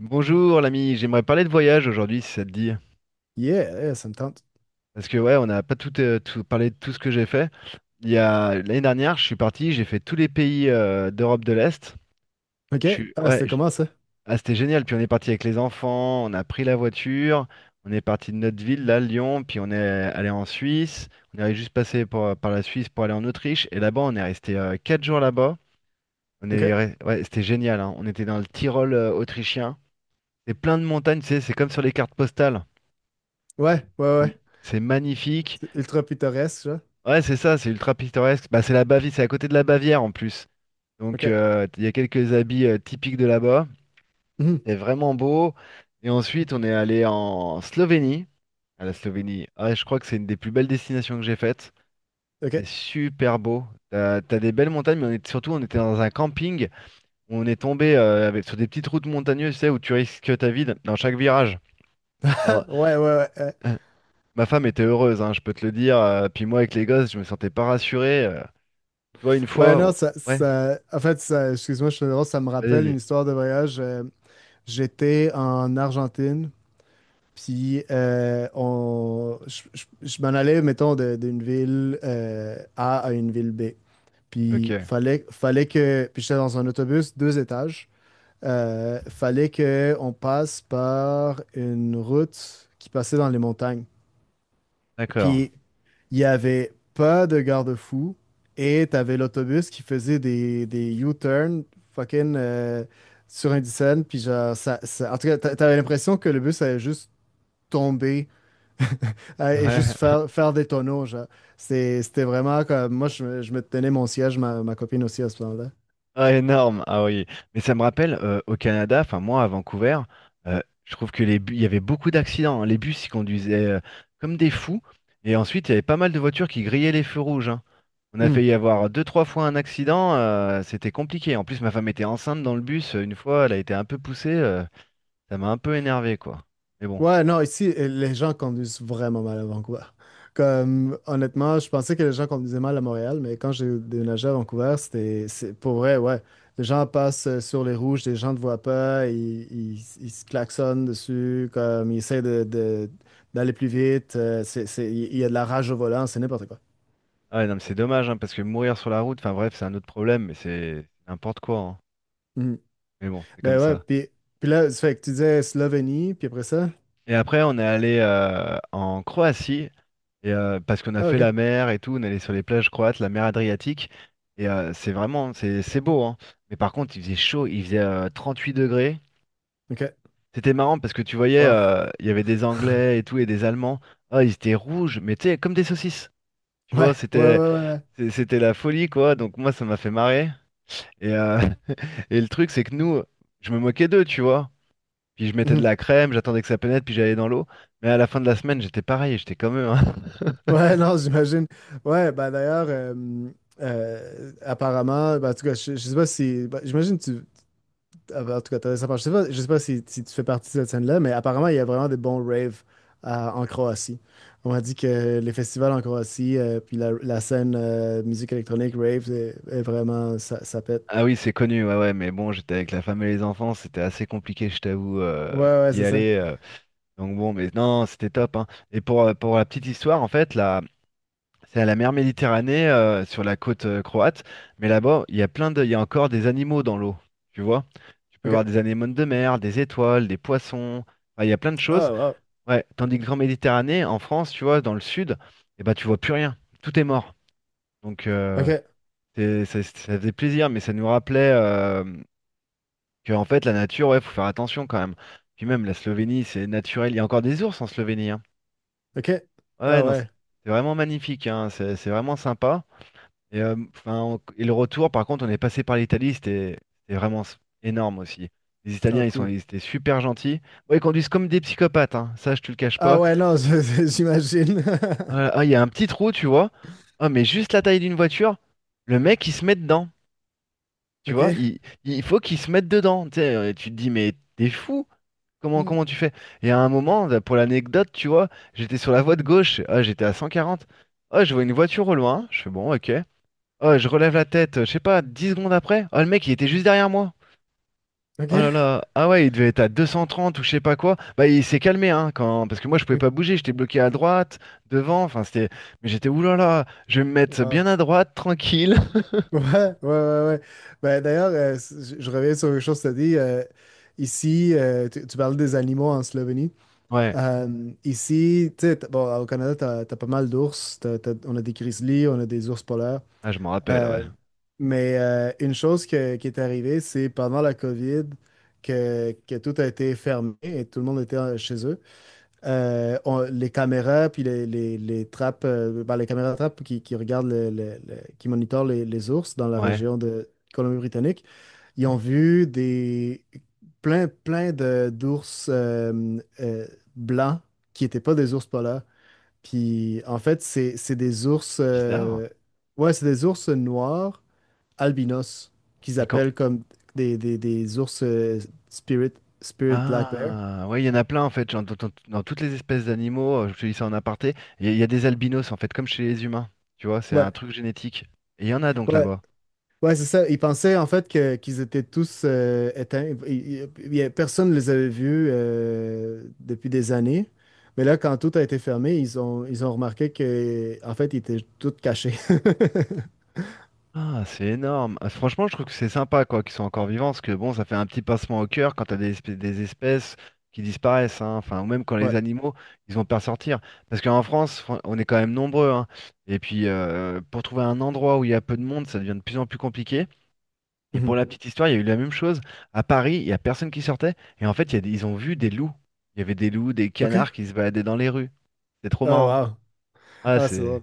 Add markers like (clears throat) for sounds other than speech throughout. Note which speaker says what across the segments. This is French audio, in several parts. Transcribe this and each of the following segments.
Speaker 1: Bonjour l'ami, j'aimerais parler de voyage aujourd'hui si ça te dit.
Speaker 2: Yeah, ça me tente.
Speaker 1: Parce que ouais, on n'a pas tout, parlé de tout ce que j'ai fait. Il y a l'année dernière, je suis parti, j'ai fait tous les pays d'Europe de l'Est.
Speaker 2: OK.
Speaker 1: Je suis
Speaker 2: Ah,
Speaker 1: Ouais.
Speaker 2: c'était
Speaker 1: je-
Speaker 2: comment ça?
Speaker 1: ah, c'était génial. Puis on est parti avec les enfants, on a pris la voiture, on est parti de notre ville, là, Lyon, puis on est allé en Suisse. On est juste passé par la Suisse pour aller en Autriche. Et là-bas, on est resté 4 jours là-bas.
Speaker 2: OK.
Speaker 1: Ouais, c'était génial, hein. On était dans le Tyrol autrichien. C'est plein de montagnes, tu sais, c'est comme sur les cartes postales.
Speaker 2: Ouais, ouais,
Speaker 1: C'est
Speaker 2: ouais.
Speaker 1: c'est magnifique.
Speaker 2: C'est ultra pittoresque, ça.
Speaker 1: Ouais, c'est ça, c'est ultra pittoresque. Bah, c'est la Bavière, c'est à côté de la Bavière en plus. Donc,
Speaker 2: OK.
Speaker 1: il y a quelques habits typiques de là-bas.
Speaker 2: Mhm.
Speaker 1: C'est vraiment beau. Et ensuite, on est allé en Slovénie. À la Slovénie, ah ouais, je crois que c'est une des plus belles destinations que j'ai faites.
Speaker 2: OK.
Speaker 1: C'est super beau. T'as des belles montagnes, mais on est, surtout, on était dans un camping où on est tombé sur des petites routes montagneuses, tu sais, où tu risques ta vie dans chaque virage. Alors,
Speaker 2: (laughs) Ouais, ouais, ouais.
Speaker 1: (clears throat) ma femme était heureuse, hein, je peux te le dire. Puis moi, avec les gosses, je me sentais pas rassuré. Tu vois, une
Speaker 2: Ouais,
Speaker 1: fois,
Speaker 2: non,
Speaker 1: ouais,
Speaker 2: En fait, ça, excuse-moi, je suis drôle, ça me
Speaker 1: vas-y,
Speaker 2: rappelle une
Speaker 1: vas-y.
Speaker 2: histoire de voyage. J'étais en Argentine, puis je m'en allais, mettons, d'une ville A à une ville B.
Speaker 1: Ok,
Speaker 2: Puis fallait. Puis j'étais dans un autobus, deux étages. Fallait qu'on passe par une route qui passait dans les montagnes.
Speaker 1: d'accord.
Speaker 2: Puis il n'y avait pas de garde-fou et tu avais l'autobus qui faisait des U-turns fucking sur Indiana. Puis genre, en tout cas, t'avais l'impression que le bus allait juste tomber (laughs) et juste
Speaker 1: Ouais.
Speaker 2: faire,
Speaker 1: (laughs)
Speaker 2: faire des tonneaux. Genre. C'était vraiment comme. Moi, je me tenais mon siège, ma copine aussi à ce moment-là.
Speaker 1: Ah, énorme. Ah oui. Mais ça me rappelle, au Canada, enfin, moi, à Vancouver, je trouve que les bus, il y avait beaucoup d'accidents, hein. Les bus, ils conduisaient comme des fous. Et ensuite, il y avait pas mal de voitures qui grillaient les feux rouges, hein. On a failli avoir deux, trois fois un accident. C'était compliqué. En plus, ma femme était enceinte dans le bus. Une fois, elle a été un peu poussée. Ça m'a un peu énervé, quoi. Mais bon.
Speaker 2: Ouais, non, ici, les gens conduisent vraiment mal à Vancouver. Comme, honnêtement, je pensais que les gens conduisaient mal à Montréal, mais quand j'ai déménagé à Vancouver, c'est pour vrai, ouais. Les gens passent sur les rouges, les gens ne te voient pas, ils se klaxonnent dessus, comme, ils essaient d'aller plus vite, il y a de la rage au volant, c'est n'importe quoi.
Speaker 1: Ah, ouais, non, mais c'est dommage, hein, parce que mourir sur la route, enfin bref, c'est un autre problème, mais c'est n'importe quoi, hein.
Speaker 2: Mhm.
Speaker 1: Mais bon, c'est comme
Speaker 2: Ben ouais,
Speaker 1: ça.
Speaker 2: puis là, ça fait que tu disais Slovénie, puis après ça?
Speaker 1: Et après, on est allé en Croatie, et parce qu'on a
Speaker 2: Ah,
Speaker 1: fait la
Speaker 2: ok,
Speaker 1: mer et tout, on est allé sur les plages croates, la mer Adriatique, et c'est vraiment, c'est beau, hein. Mais par contre, il faisait chaud, il faisait 38 degrés.
Speaker 2: ok.
Speaker 1: C'était marrant parce que tu voyais,
Speaker 2: Wow.
Speaker 1: il y avait des Anglais et tout, et des Allemands. Ah, ils étaient rouges, mais tu sais, comme des saucisses. Tu
Speaker 2: Ouais,
Speaker 1: vois,
Speaker 2: ouais, ouais,
Speaker 1: c'était
Speaker 2: ouais. Ouais.
Speaker 1: c'est- c'était la folie, quoi. Donc moi, ça m'a fait marrer. Et, euh, (laughs) et le truc, c'est que nous, je me moquais d'eux, tu vois. Puis je mettais de
Speaker 2: Mm-hmm.
Speaker 1: la crème, j'attendais que ça pénètre, puis j'allais dans l'eau. Mais à la fin de la semaine, j'étais pareil, j'étais comme eux, hein. (laughs)
Speaker 2: Ouais, non, j'imagine. Ouais, ben d'ailleurs, apparemment, ben, en tout cas, je sais pas si. Ben, j'imagine que tu. Ah, ben, en tout cas, t'as ça, je sais pas si, si tu fais partie de cette scène-là, mais apparemment, il y a vraiment des bons raves en Croatie. On m'a dit que les festivals en Croatie, puis la scène musique électronique, rave, est vraiment. Ça pète.
Speaker 1: Ah oui, c'est connu, ouais, ouais, mais bon, j'étais avec la femme et les enfants, c'était assez compliqué, je t'avoue,
Speaker 2: Ouais, ouais,
Speaker 1: d'y
Speaker 2: c'est ça.
Speaker 1: aller. Donc bon, mais non, c'était top, hein. Et pour la petite histoire, en fait, là, c'est à la mer Méditerranée, sur la côte croate, mais là-bas, il y a encore des animaux dans l'eau, tu vois. Tu peux voir
Speaker 2: OK.
Speaker 1: des anémones de mer, des étoiles, des poissons. Enfin, il y a plein de choses.
Speaker 2: Oh, wow.
Speaker 1: Ouais, tandis que Grand Méditerranée, en France, tu vois, dans le sud, eh ben, tu vois plus rien. Tout est mort. Donc,
Speaker 2: OK.
Speaker 1: ça faisait plaisir, mais ça nous rappelait que, en fait, la nature, ouais, faut faire attention quand même. Puis même, la Slovénie, c'est naturel. Il y a encore des ours en Slovénie, hein.
Speaker 2: OK.
Speaker 1: Ouais, ouais,
Speaker 2: Ah,
Speaker 1: non, c'est
Speaker 2: ouais.
Speaker 1: c'est vraiment magnifique, hein. C'est vraiment sympa. Enfin, et le retour, par contre, on est passé par l'Italie, c'était vraiment énorme aussi. Les
Speaker 2: Oh,
Speaker 1: Italiens,
Speaker 2: cool.
Speaker 1: ils étaient super gentils. Bon, ils conduisent comme des psychopathes, hein. Ça, je te le cache
Speaker 2: Ah,
Speaker 1: pas.
Speaker 2: ouais, non, (laughs) j'imagine.
Speaker 1: Ah, il y a un petit trou, tu vois. Ah, mais juste la taille d'une voiture, le mec, il se met dedans.
Speaker 2: (laughs)
Speaker 1: Tu vois,
Speaker 2: OK.
Speaker 1: il faut qu'il se mette dedans. Tu sais, tu te dis, mais t'es fou? Comment,
Speaker 2: Hmm.
Speaker 1: comment tu fais? Et à un moment, là, pour l'anecdote, tu vois, j'étais sur la voie de gauche. Ah, j'étais à 140. Ah, je vois une voiture au loin. Je fais, bon, ok. Ah, je relève la tête, je sais pas, 10 secondes après. Ah, le mec, il était juste derrière moi.
Speaker 2: OK.
Speaker 1: Oh là là, ah ouais, il devait être à 230 ou je sais pas quoi. Bah il s'est calmé, hein, quand parce que moi je pouvais
Speaker 2: OK.
Speaker 1: pas bouger, j'étais bloqué à droite, devant, enfin c'était mais j'étais ouh là là, je vais me mettre
Speaker 2: Ouais,
Speaker 1: bien à droite, tranquille.
Speaker 2: (laughs) ouais, ouais, ouais. Ouais. Ben, d'ailleurs, je reviens sur une chose que tu as dit. Ici, tu parles des animaux en Slovénie.
Speaker 1: (laughs) Ouais,
Speaker 2: Ici, tu sais, bon, au Canada, tu as, pas mal d'ours. On a des grizzlies, on a des ours polaires.
Speaker 1: ah je m'en rappelle, ouais.
Speaker 2: Euh, mais une chose qui est arrivée, c'est pendant la COVID que tout a été fermé et tout le monde était chez eux les caméras, puis les trappes, ben, les caméras trappes qui regardent, qui monitorent les ours dans la
Speaker 1: Ouais,
Speaker 2: région de Colombie-Britannique, ils ont vu plein d'ours blancs qui n'étaient pas des ours polaires. Puis en fait, c'est des ours,
Speaker 1: bizarre.
Speaker 2: ouais, c'est des ours noirs albinos qu'ils
Speaker 1: Et quand
Speaker 2: appellent comme des ours spirit, spirit black bear.
Speaker 1: Ah, ouais, il y en a plein en fait, genre, dans toutes les espèces d'animaux, je te dis ça en aparté, il y a des albinos en fait comme chez les humains, tu vois, c'est un
Speaker 2: Ouais.
Speaker 1: truc génétique. Et il y en a donc
Speaker 2: Ouais,
Speaker 1: là-bas.
Speaker 2: ouais, c'est ça. Ils pensaient en fait que qu'ils étaient tous éteints. Personne ne les avait vus depuis des années. Mais là, quand tout a été fermé, ils ont remarqué que en fait, ils étaient tous cachés. (laughs)
Speaker 1: Ah, c'est énorme. Ah, franchement, je trouve que c'est sympa quoi qu'ils soient encore vivants, parce que bon, ça fait un petit pincement au cœur quand t'as des espèces qui disparaissent, hein. Enfin, ou même quand les
Speaker 2: Ouais.
Speaker 1: animaux, ils ont peur de sortir. Parce qu'en France, on est quand même nombreux, hein. Et puis, pour trouver un endroit où il y a peu de monde, ça devient de plus en plus compliqué. Et pour
Speaker 2: Mhm.
Speaker 1: la petite histoire, il y a eu la même chose. À Paris, il y a personne qui sortait, et en fait, il y a des- ils ont vu des loups. Il y avait des loups, des
Speaker 2: OK.
Speaker 1: canards qui se baladaient dans les rues. C'est trop
Speaker 2: Oh,
Speaker 1: marrant.
Speaker 2: wow.
Speaker 1: Ah,
Speaker 2: Ah, c'est drôle.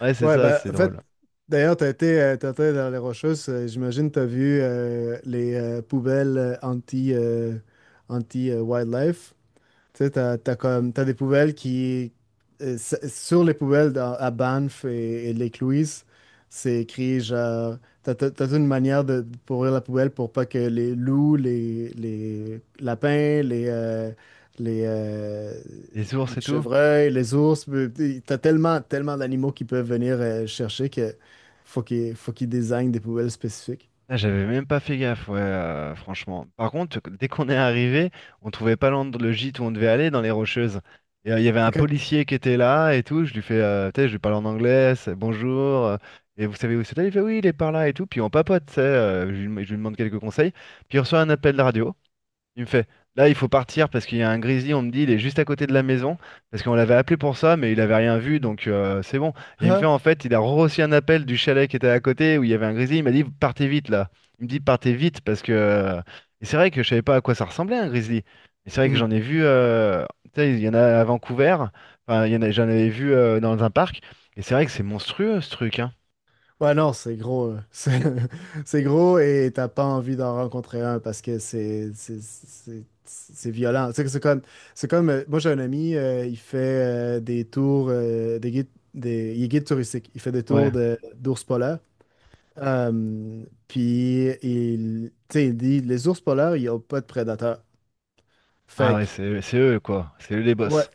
Speaker 1: ouais, c'est
Speaker 2: Ouais,
Speaker 1: ça,
Speaker 2: ben,
Speaker 1: c'est
Speaker 2: en fait,
Speaker 1: drôle.
Speaker 2: d'ailleurs, t'as été dans les Rocheuses. J'imagine t'as vu les poubelles anti-wildlife. Tu sais, t'as des poubelles qui, sur les poubelles à Banff et Lake-Louise, c'est écrit genre, t'as toute une manière pour ouvrir la poubelle pour pas que les loups, les lapins, les, euh,
Speaker 1: Les ours
Speaker 2: les
Speaker 1: et tout.
Speaker 2: chevreuils, les ours, t'as tellement, tellement d'animaux qui peuvent venir chercher que faut qu'ils désignent des poubelles spécifiques.
Speaker 1: Ah, j'avais même pas fait gaffe, ouais, franchement. Par contre, dès qu'on est arrivé, on trouvait pas le gîte où on devait aller dans les Rocheuses. Et il y avait un
Speaker 2: OK.
Speaker 1: policier qui était là et tout. Je lui fais, tu sais, je lui parle en anglais, c'est bonjour. Et vous savez où c'est? Il fait oui, il est par là et tout. Puis on papote, tu sais. Je lui demande quelques conseils. Puis il reçoit un appel de radio. Il me fait, là, il faut partir parce qu'il y a un grizzly, on me dit, il est juste à côté de la maison, parce qu'on l'avait appelé pour ça, mais il avait rien vu, donc c'est bon. Et il me fait,
Speaker 2: Ah.
Speaker 1: en fait, il a reçu un appel du chalet qui était à côté où il y avait un grizzly, il m'a dit, partez vite là. Il me dit, partez vite parce que. Et c'est vrai que je savais pas à quoi ça ressemblait un grizzly. Mais c'est vrai que j'en ai vu, tu sais, il y en a à Vancouver, enfin, il y en a, j'en avais vu dans un parc, et c'est vrai que c'est monstrueux ce truc, hein.
Speaker 2: Ouais, non, c'est gros. (laughs) C'est gros et t'as pas envie d'en rencontrer un parce que c'est violent. Tu sais que c'est comme, moi j'ai un ami, il fait des tours, des guides, il est guide touristique. Il fait des
Speaker 1: Ouais.
Speaker 2: tours de d'ours polaires. Puis tu sais, il dit les ours polaires, ils ont pas de prédateurs.
Speaker 1: Ah
Speaker 2: Fait
Speaker 1: ouais,
Speaker 2: que,
Speaker 1: c'est eux quoi, c'est eux les
Speaker 2: ouais,
Speaker 1: boss.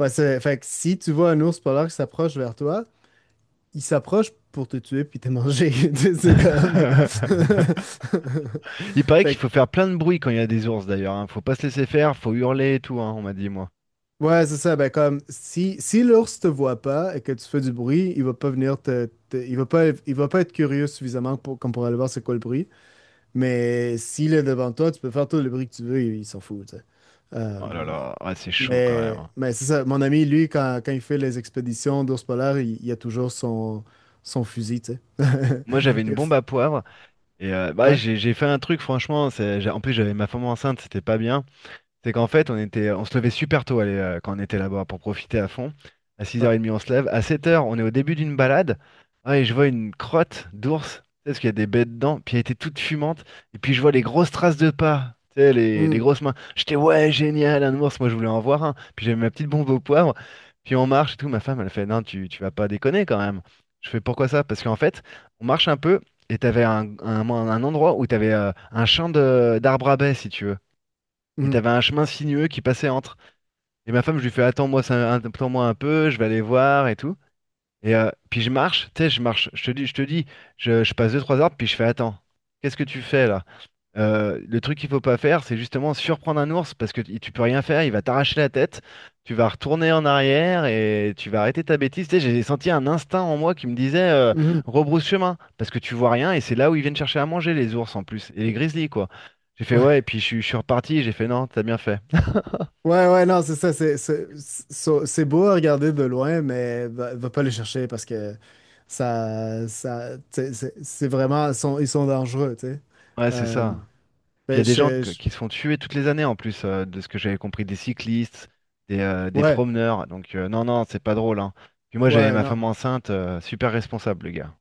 Speaker 2: ouais, fait que si tu vois un ours polaire qui s'approche vers toi, il s'approche pour te tuer puis t'es mangé. (laughs) Tu sais, c'est comme. (laughs)
Speaker 1: (laughs) Il paraît qu'il
Speaker 2: Fait
Speaker 1: faut
Speaker 2: que,
Speaker 1: faire plein de bruit quand il y a des ours d'ailleurs, hein. Faut pas se laisser faire, faut hurler et tout, hein, on m'a dit moi.
Speaker 2: ouais, c'est ça. Ben, comme, si l'ours te voit pas et que tu fais du bruit, il va pas venir il va pas être curieux suffisamment comme pour aller voir c'est quoi le bruit. Mais s'il est devant toi, tu peux faire tout le bruit que tu veux, il s'en fout, tu sais. Euh,
Speaker 1: Oh là là, ouais, c'est chaud quand même,
Speaker 2: mais
Speaker 1: hein.
Speaker 2: mais c'est ça. Mon ami, lui, quand il fait les expéditions d'ours polaires, il a toujours son, fusil, tu sais. (laughs)
Speaker 1: Moi j'avais
Speaker 2: Il
Speaker 1: une
Speaker 2: a-
Speaker 1: bombe à poivre et bah,
Speaker 2: Ouais.
Speaker 1: j'ai fait un truc franchement, en plus j'avais ma femme enceinte, c'était pas bien. C'est qu'en fait, on se levait super tôt allez, quand on était là-bas pour profiter à fond. À
Speaker 2: Ouais.
Speaker 1: 6h30, on se lève. À 7 heures on est au début d'une balade. Ah, et je vois une crotte d'ours. Tu sais, parce qu'il y a des bêtes dedans. Puis elle était toute fumante. Et puis je vois les grosses traces de pas. Tu sais, les
Speaker 2: Mm,
Speaker 1: grosses mains. J'étais, ouais, génial, un ours. Moi, je voulais en voir un. Puis j'avais ma petite bombe au poivre. Puis on marche et tout. Ma femme, elle fait, non, tu vas pas déconner quand même. Je fais, pourquoi ça? Parce qu'en fait, on marche un peu. Et t'avais un endroit où t'avais un champ d'arbres à baies, si tu veux. Et
Speaker 2: mm.
Speaker 1: t'avais un chemin sinueux qui passait entre. Et ma femme, je lui fais attends-moi un peu, je vais aller voir et tout. Et puis je marche, tu sais, je marche, je te dis, je passe deux trois heures, puis je fais attends, qu'est-ce que tu fais là? Le truc qu'il faut pas faire, c'est justement surprendre un ours parce que tu peux rien faire, il va t'arracher la tête, tu vas retourner en arrière et tu vas arrêter ta bêtise. Tu sais, j'ai senti un instinct en moi qui me disait
Speaker 2: Mhm.
Speaker 1: rebrousse chemin parce que tu vois rien et c'est là où ils viennent chercher à manger les ours en plus et les grizzlies quoi. J'ai fait
Speaker 2: Ouais.
Speaker 1: ouais, et puis je suis reparti, j'ai fait non, t'as bien fait.
Speaker 2: Ouais, ouais, non, c'est ça. C'est beau à regarder de loin, mais va pas les chercher parce que tu sais, c'est vraiment, ils sont dangereux, tu sais.
Speaker 1: Ouais, c'est
Speaker 2: Euh,
Speaker 1: ça. Puis il y
Speaker 2: ben,
Speaker 1: a des gens qui se font tuer toutes les années en plus, de ce que j'avais compris, des cyclistes, des
Speaker 2: ouais,
Speaker 1: promeneurs. Donc non, non, c'est pas drôle, hein. Puis moi j'avais
Speaker 2: ouais,
Speaker 1: ma
Speaker 2: non.
Speaker 1: femme enceinte, super responsable, le gars.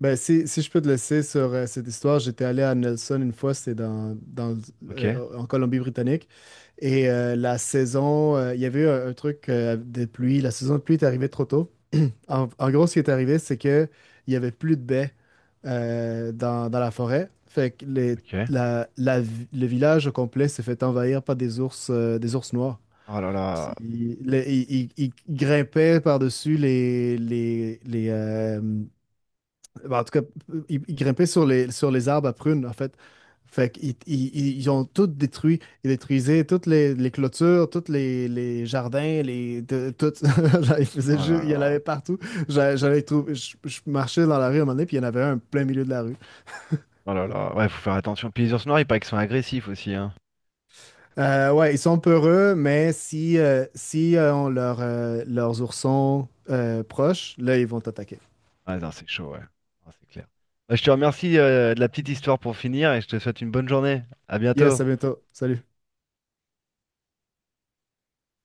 Speaker 2: Ben, si je peux te laisser sur cette histoire, j'étais allé à Nelson une fois, c'était
Speaker 1: Ok?
Speaker 2: en Colombie-Britannique. Et la saison, il y avait eu un truc de pluie. La saison de pluie est arrivée trop tôt. En gros, ce qui est arrivé, c'est que il y avait plus de baies dans la forêt. Fait que
Speaker 1: Ok.
Speaker 2: le village au complet s'est fait envahir par des ours noirs.
Speaker 1: Oh là là.
Speaker 2: Puis, Ils grimpaient par-dessus ben, en tout cas, ils grimpaient sur les arbres à prunes, en fait. Fait qu'ils ils, ils- ils ont tout détruit. Ils détruisaient toutes les clôtures, tous les jardins, tout. (laughs) Genre, ils faisaient
Speaker 1: Oh là
Speaker 2: juste, il y en
Speaker 1: là.
Speaker 2: avait partout. Je marchais dans la rue à un moment donné, puis il y en avait un en plein milieu de la rue.
Speaker 1: Oh là là. Ouais, faut faire attention. Puis les ours noirs, il paraît qu'ils sont agressifs aussi, hein.
Speaker 2: Ouais, ils sont peureux, mais si on leurs oursons proches, là, ils vont t'attaquer.
Speaker 1: Ah non, c'est chaud, ouais. Ah, c'est clair. Bah, je te remercie, de la petite histoire pour finir et je te souhaite une bonne journée. À
Speaker 2: Yes,
Speaker 1: bientôt.
Speaker 2: à bientôt. Salut.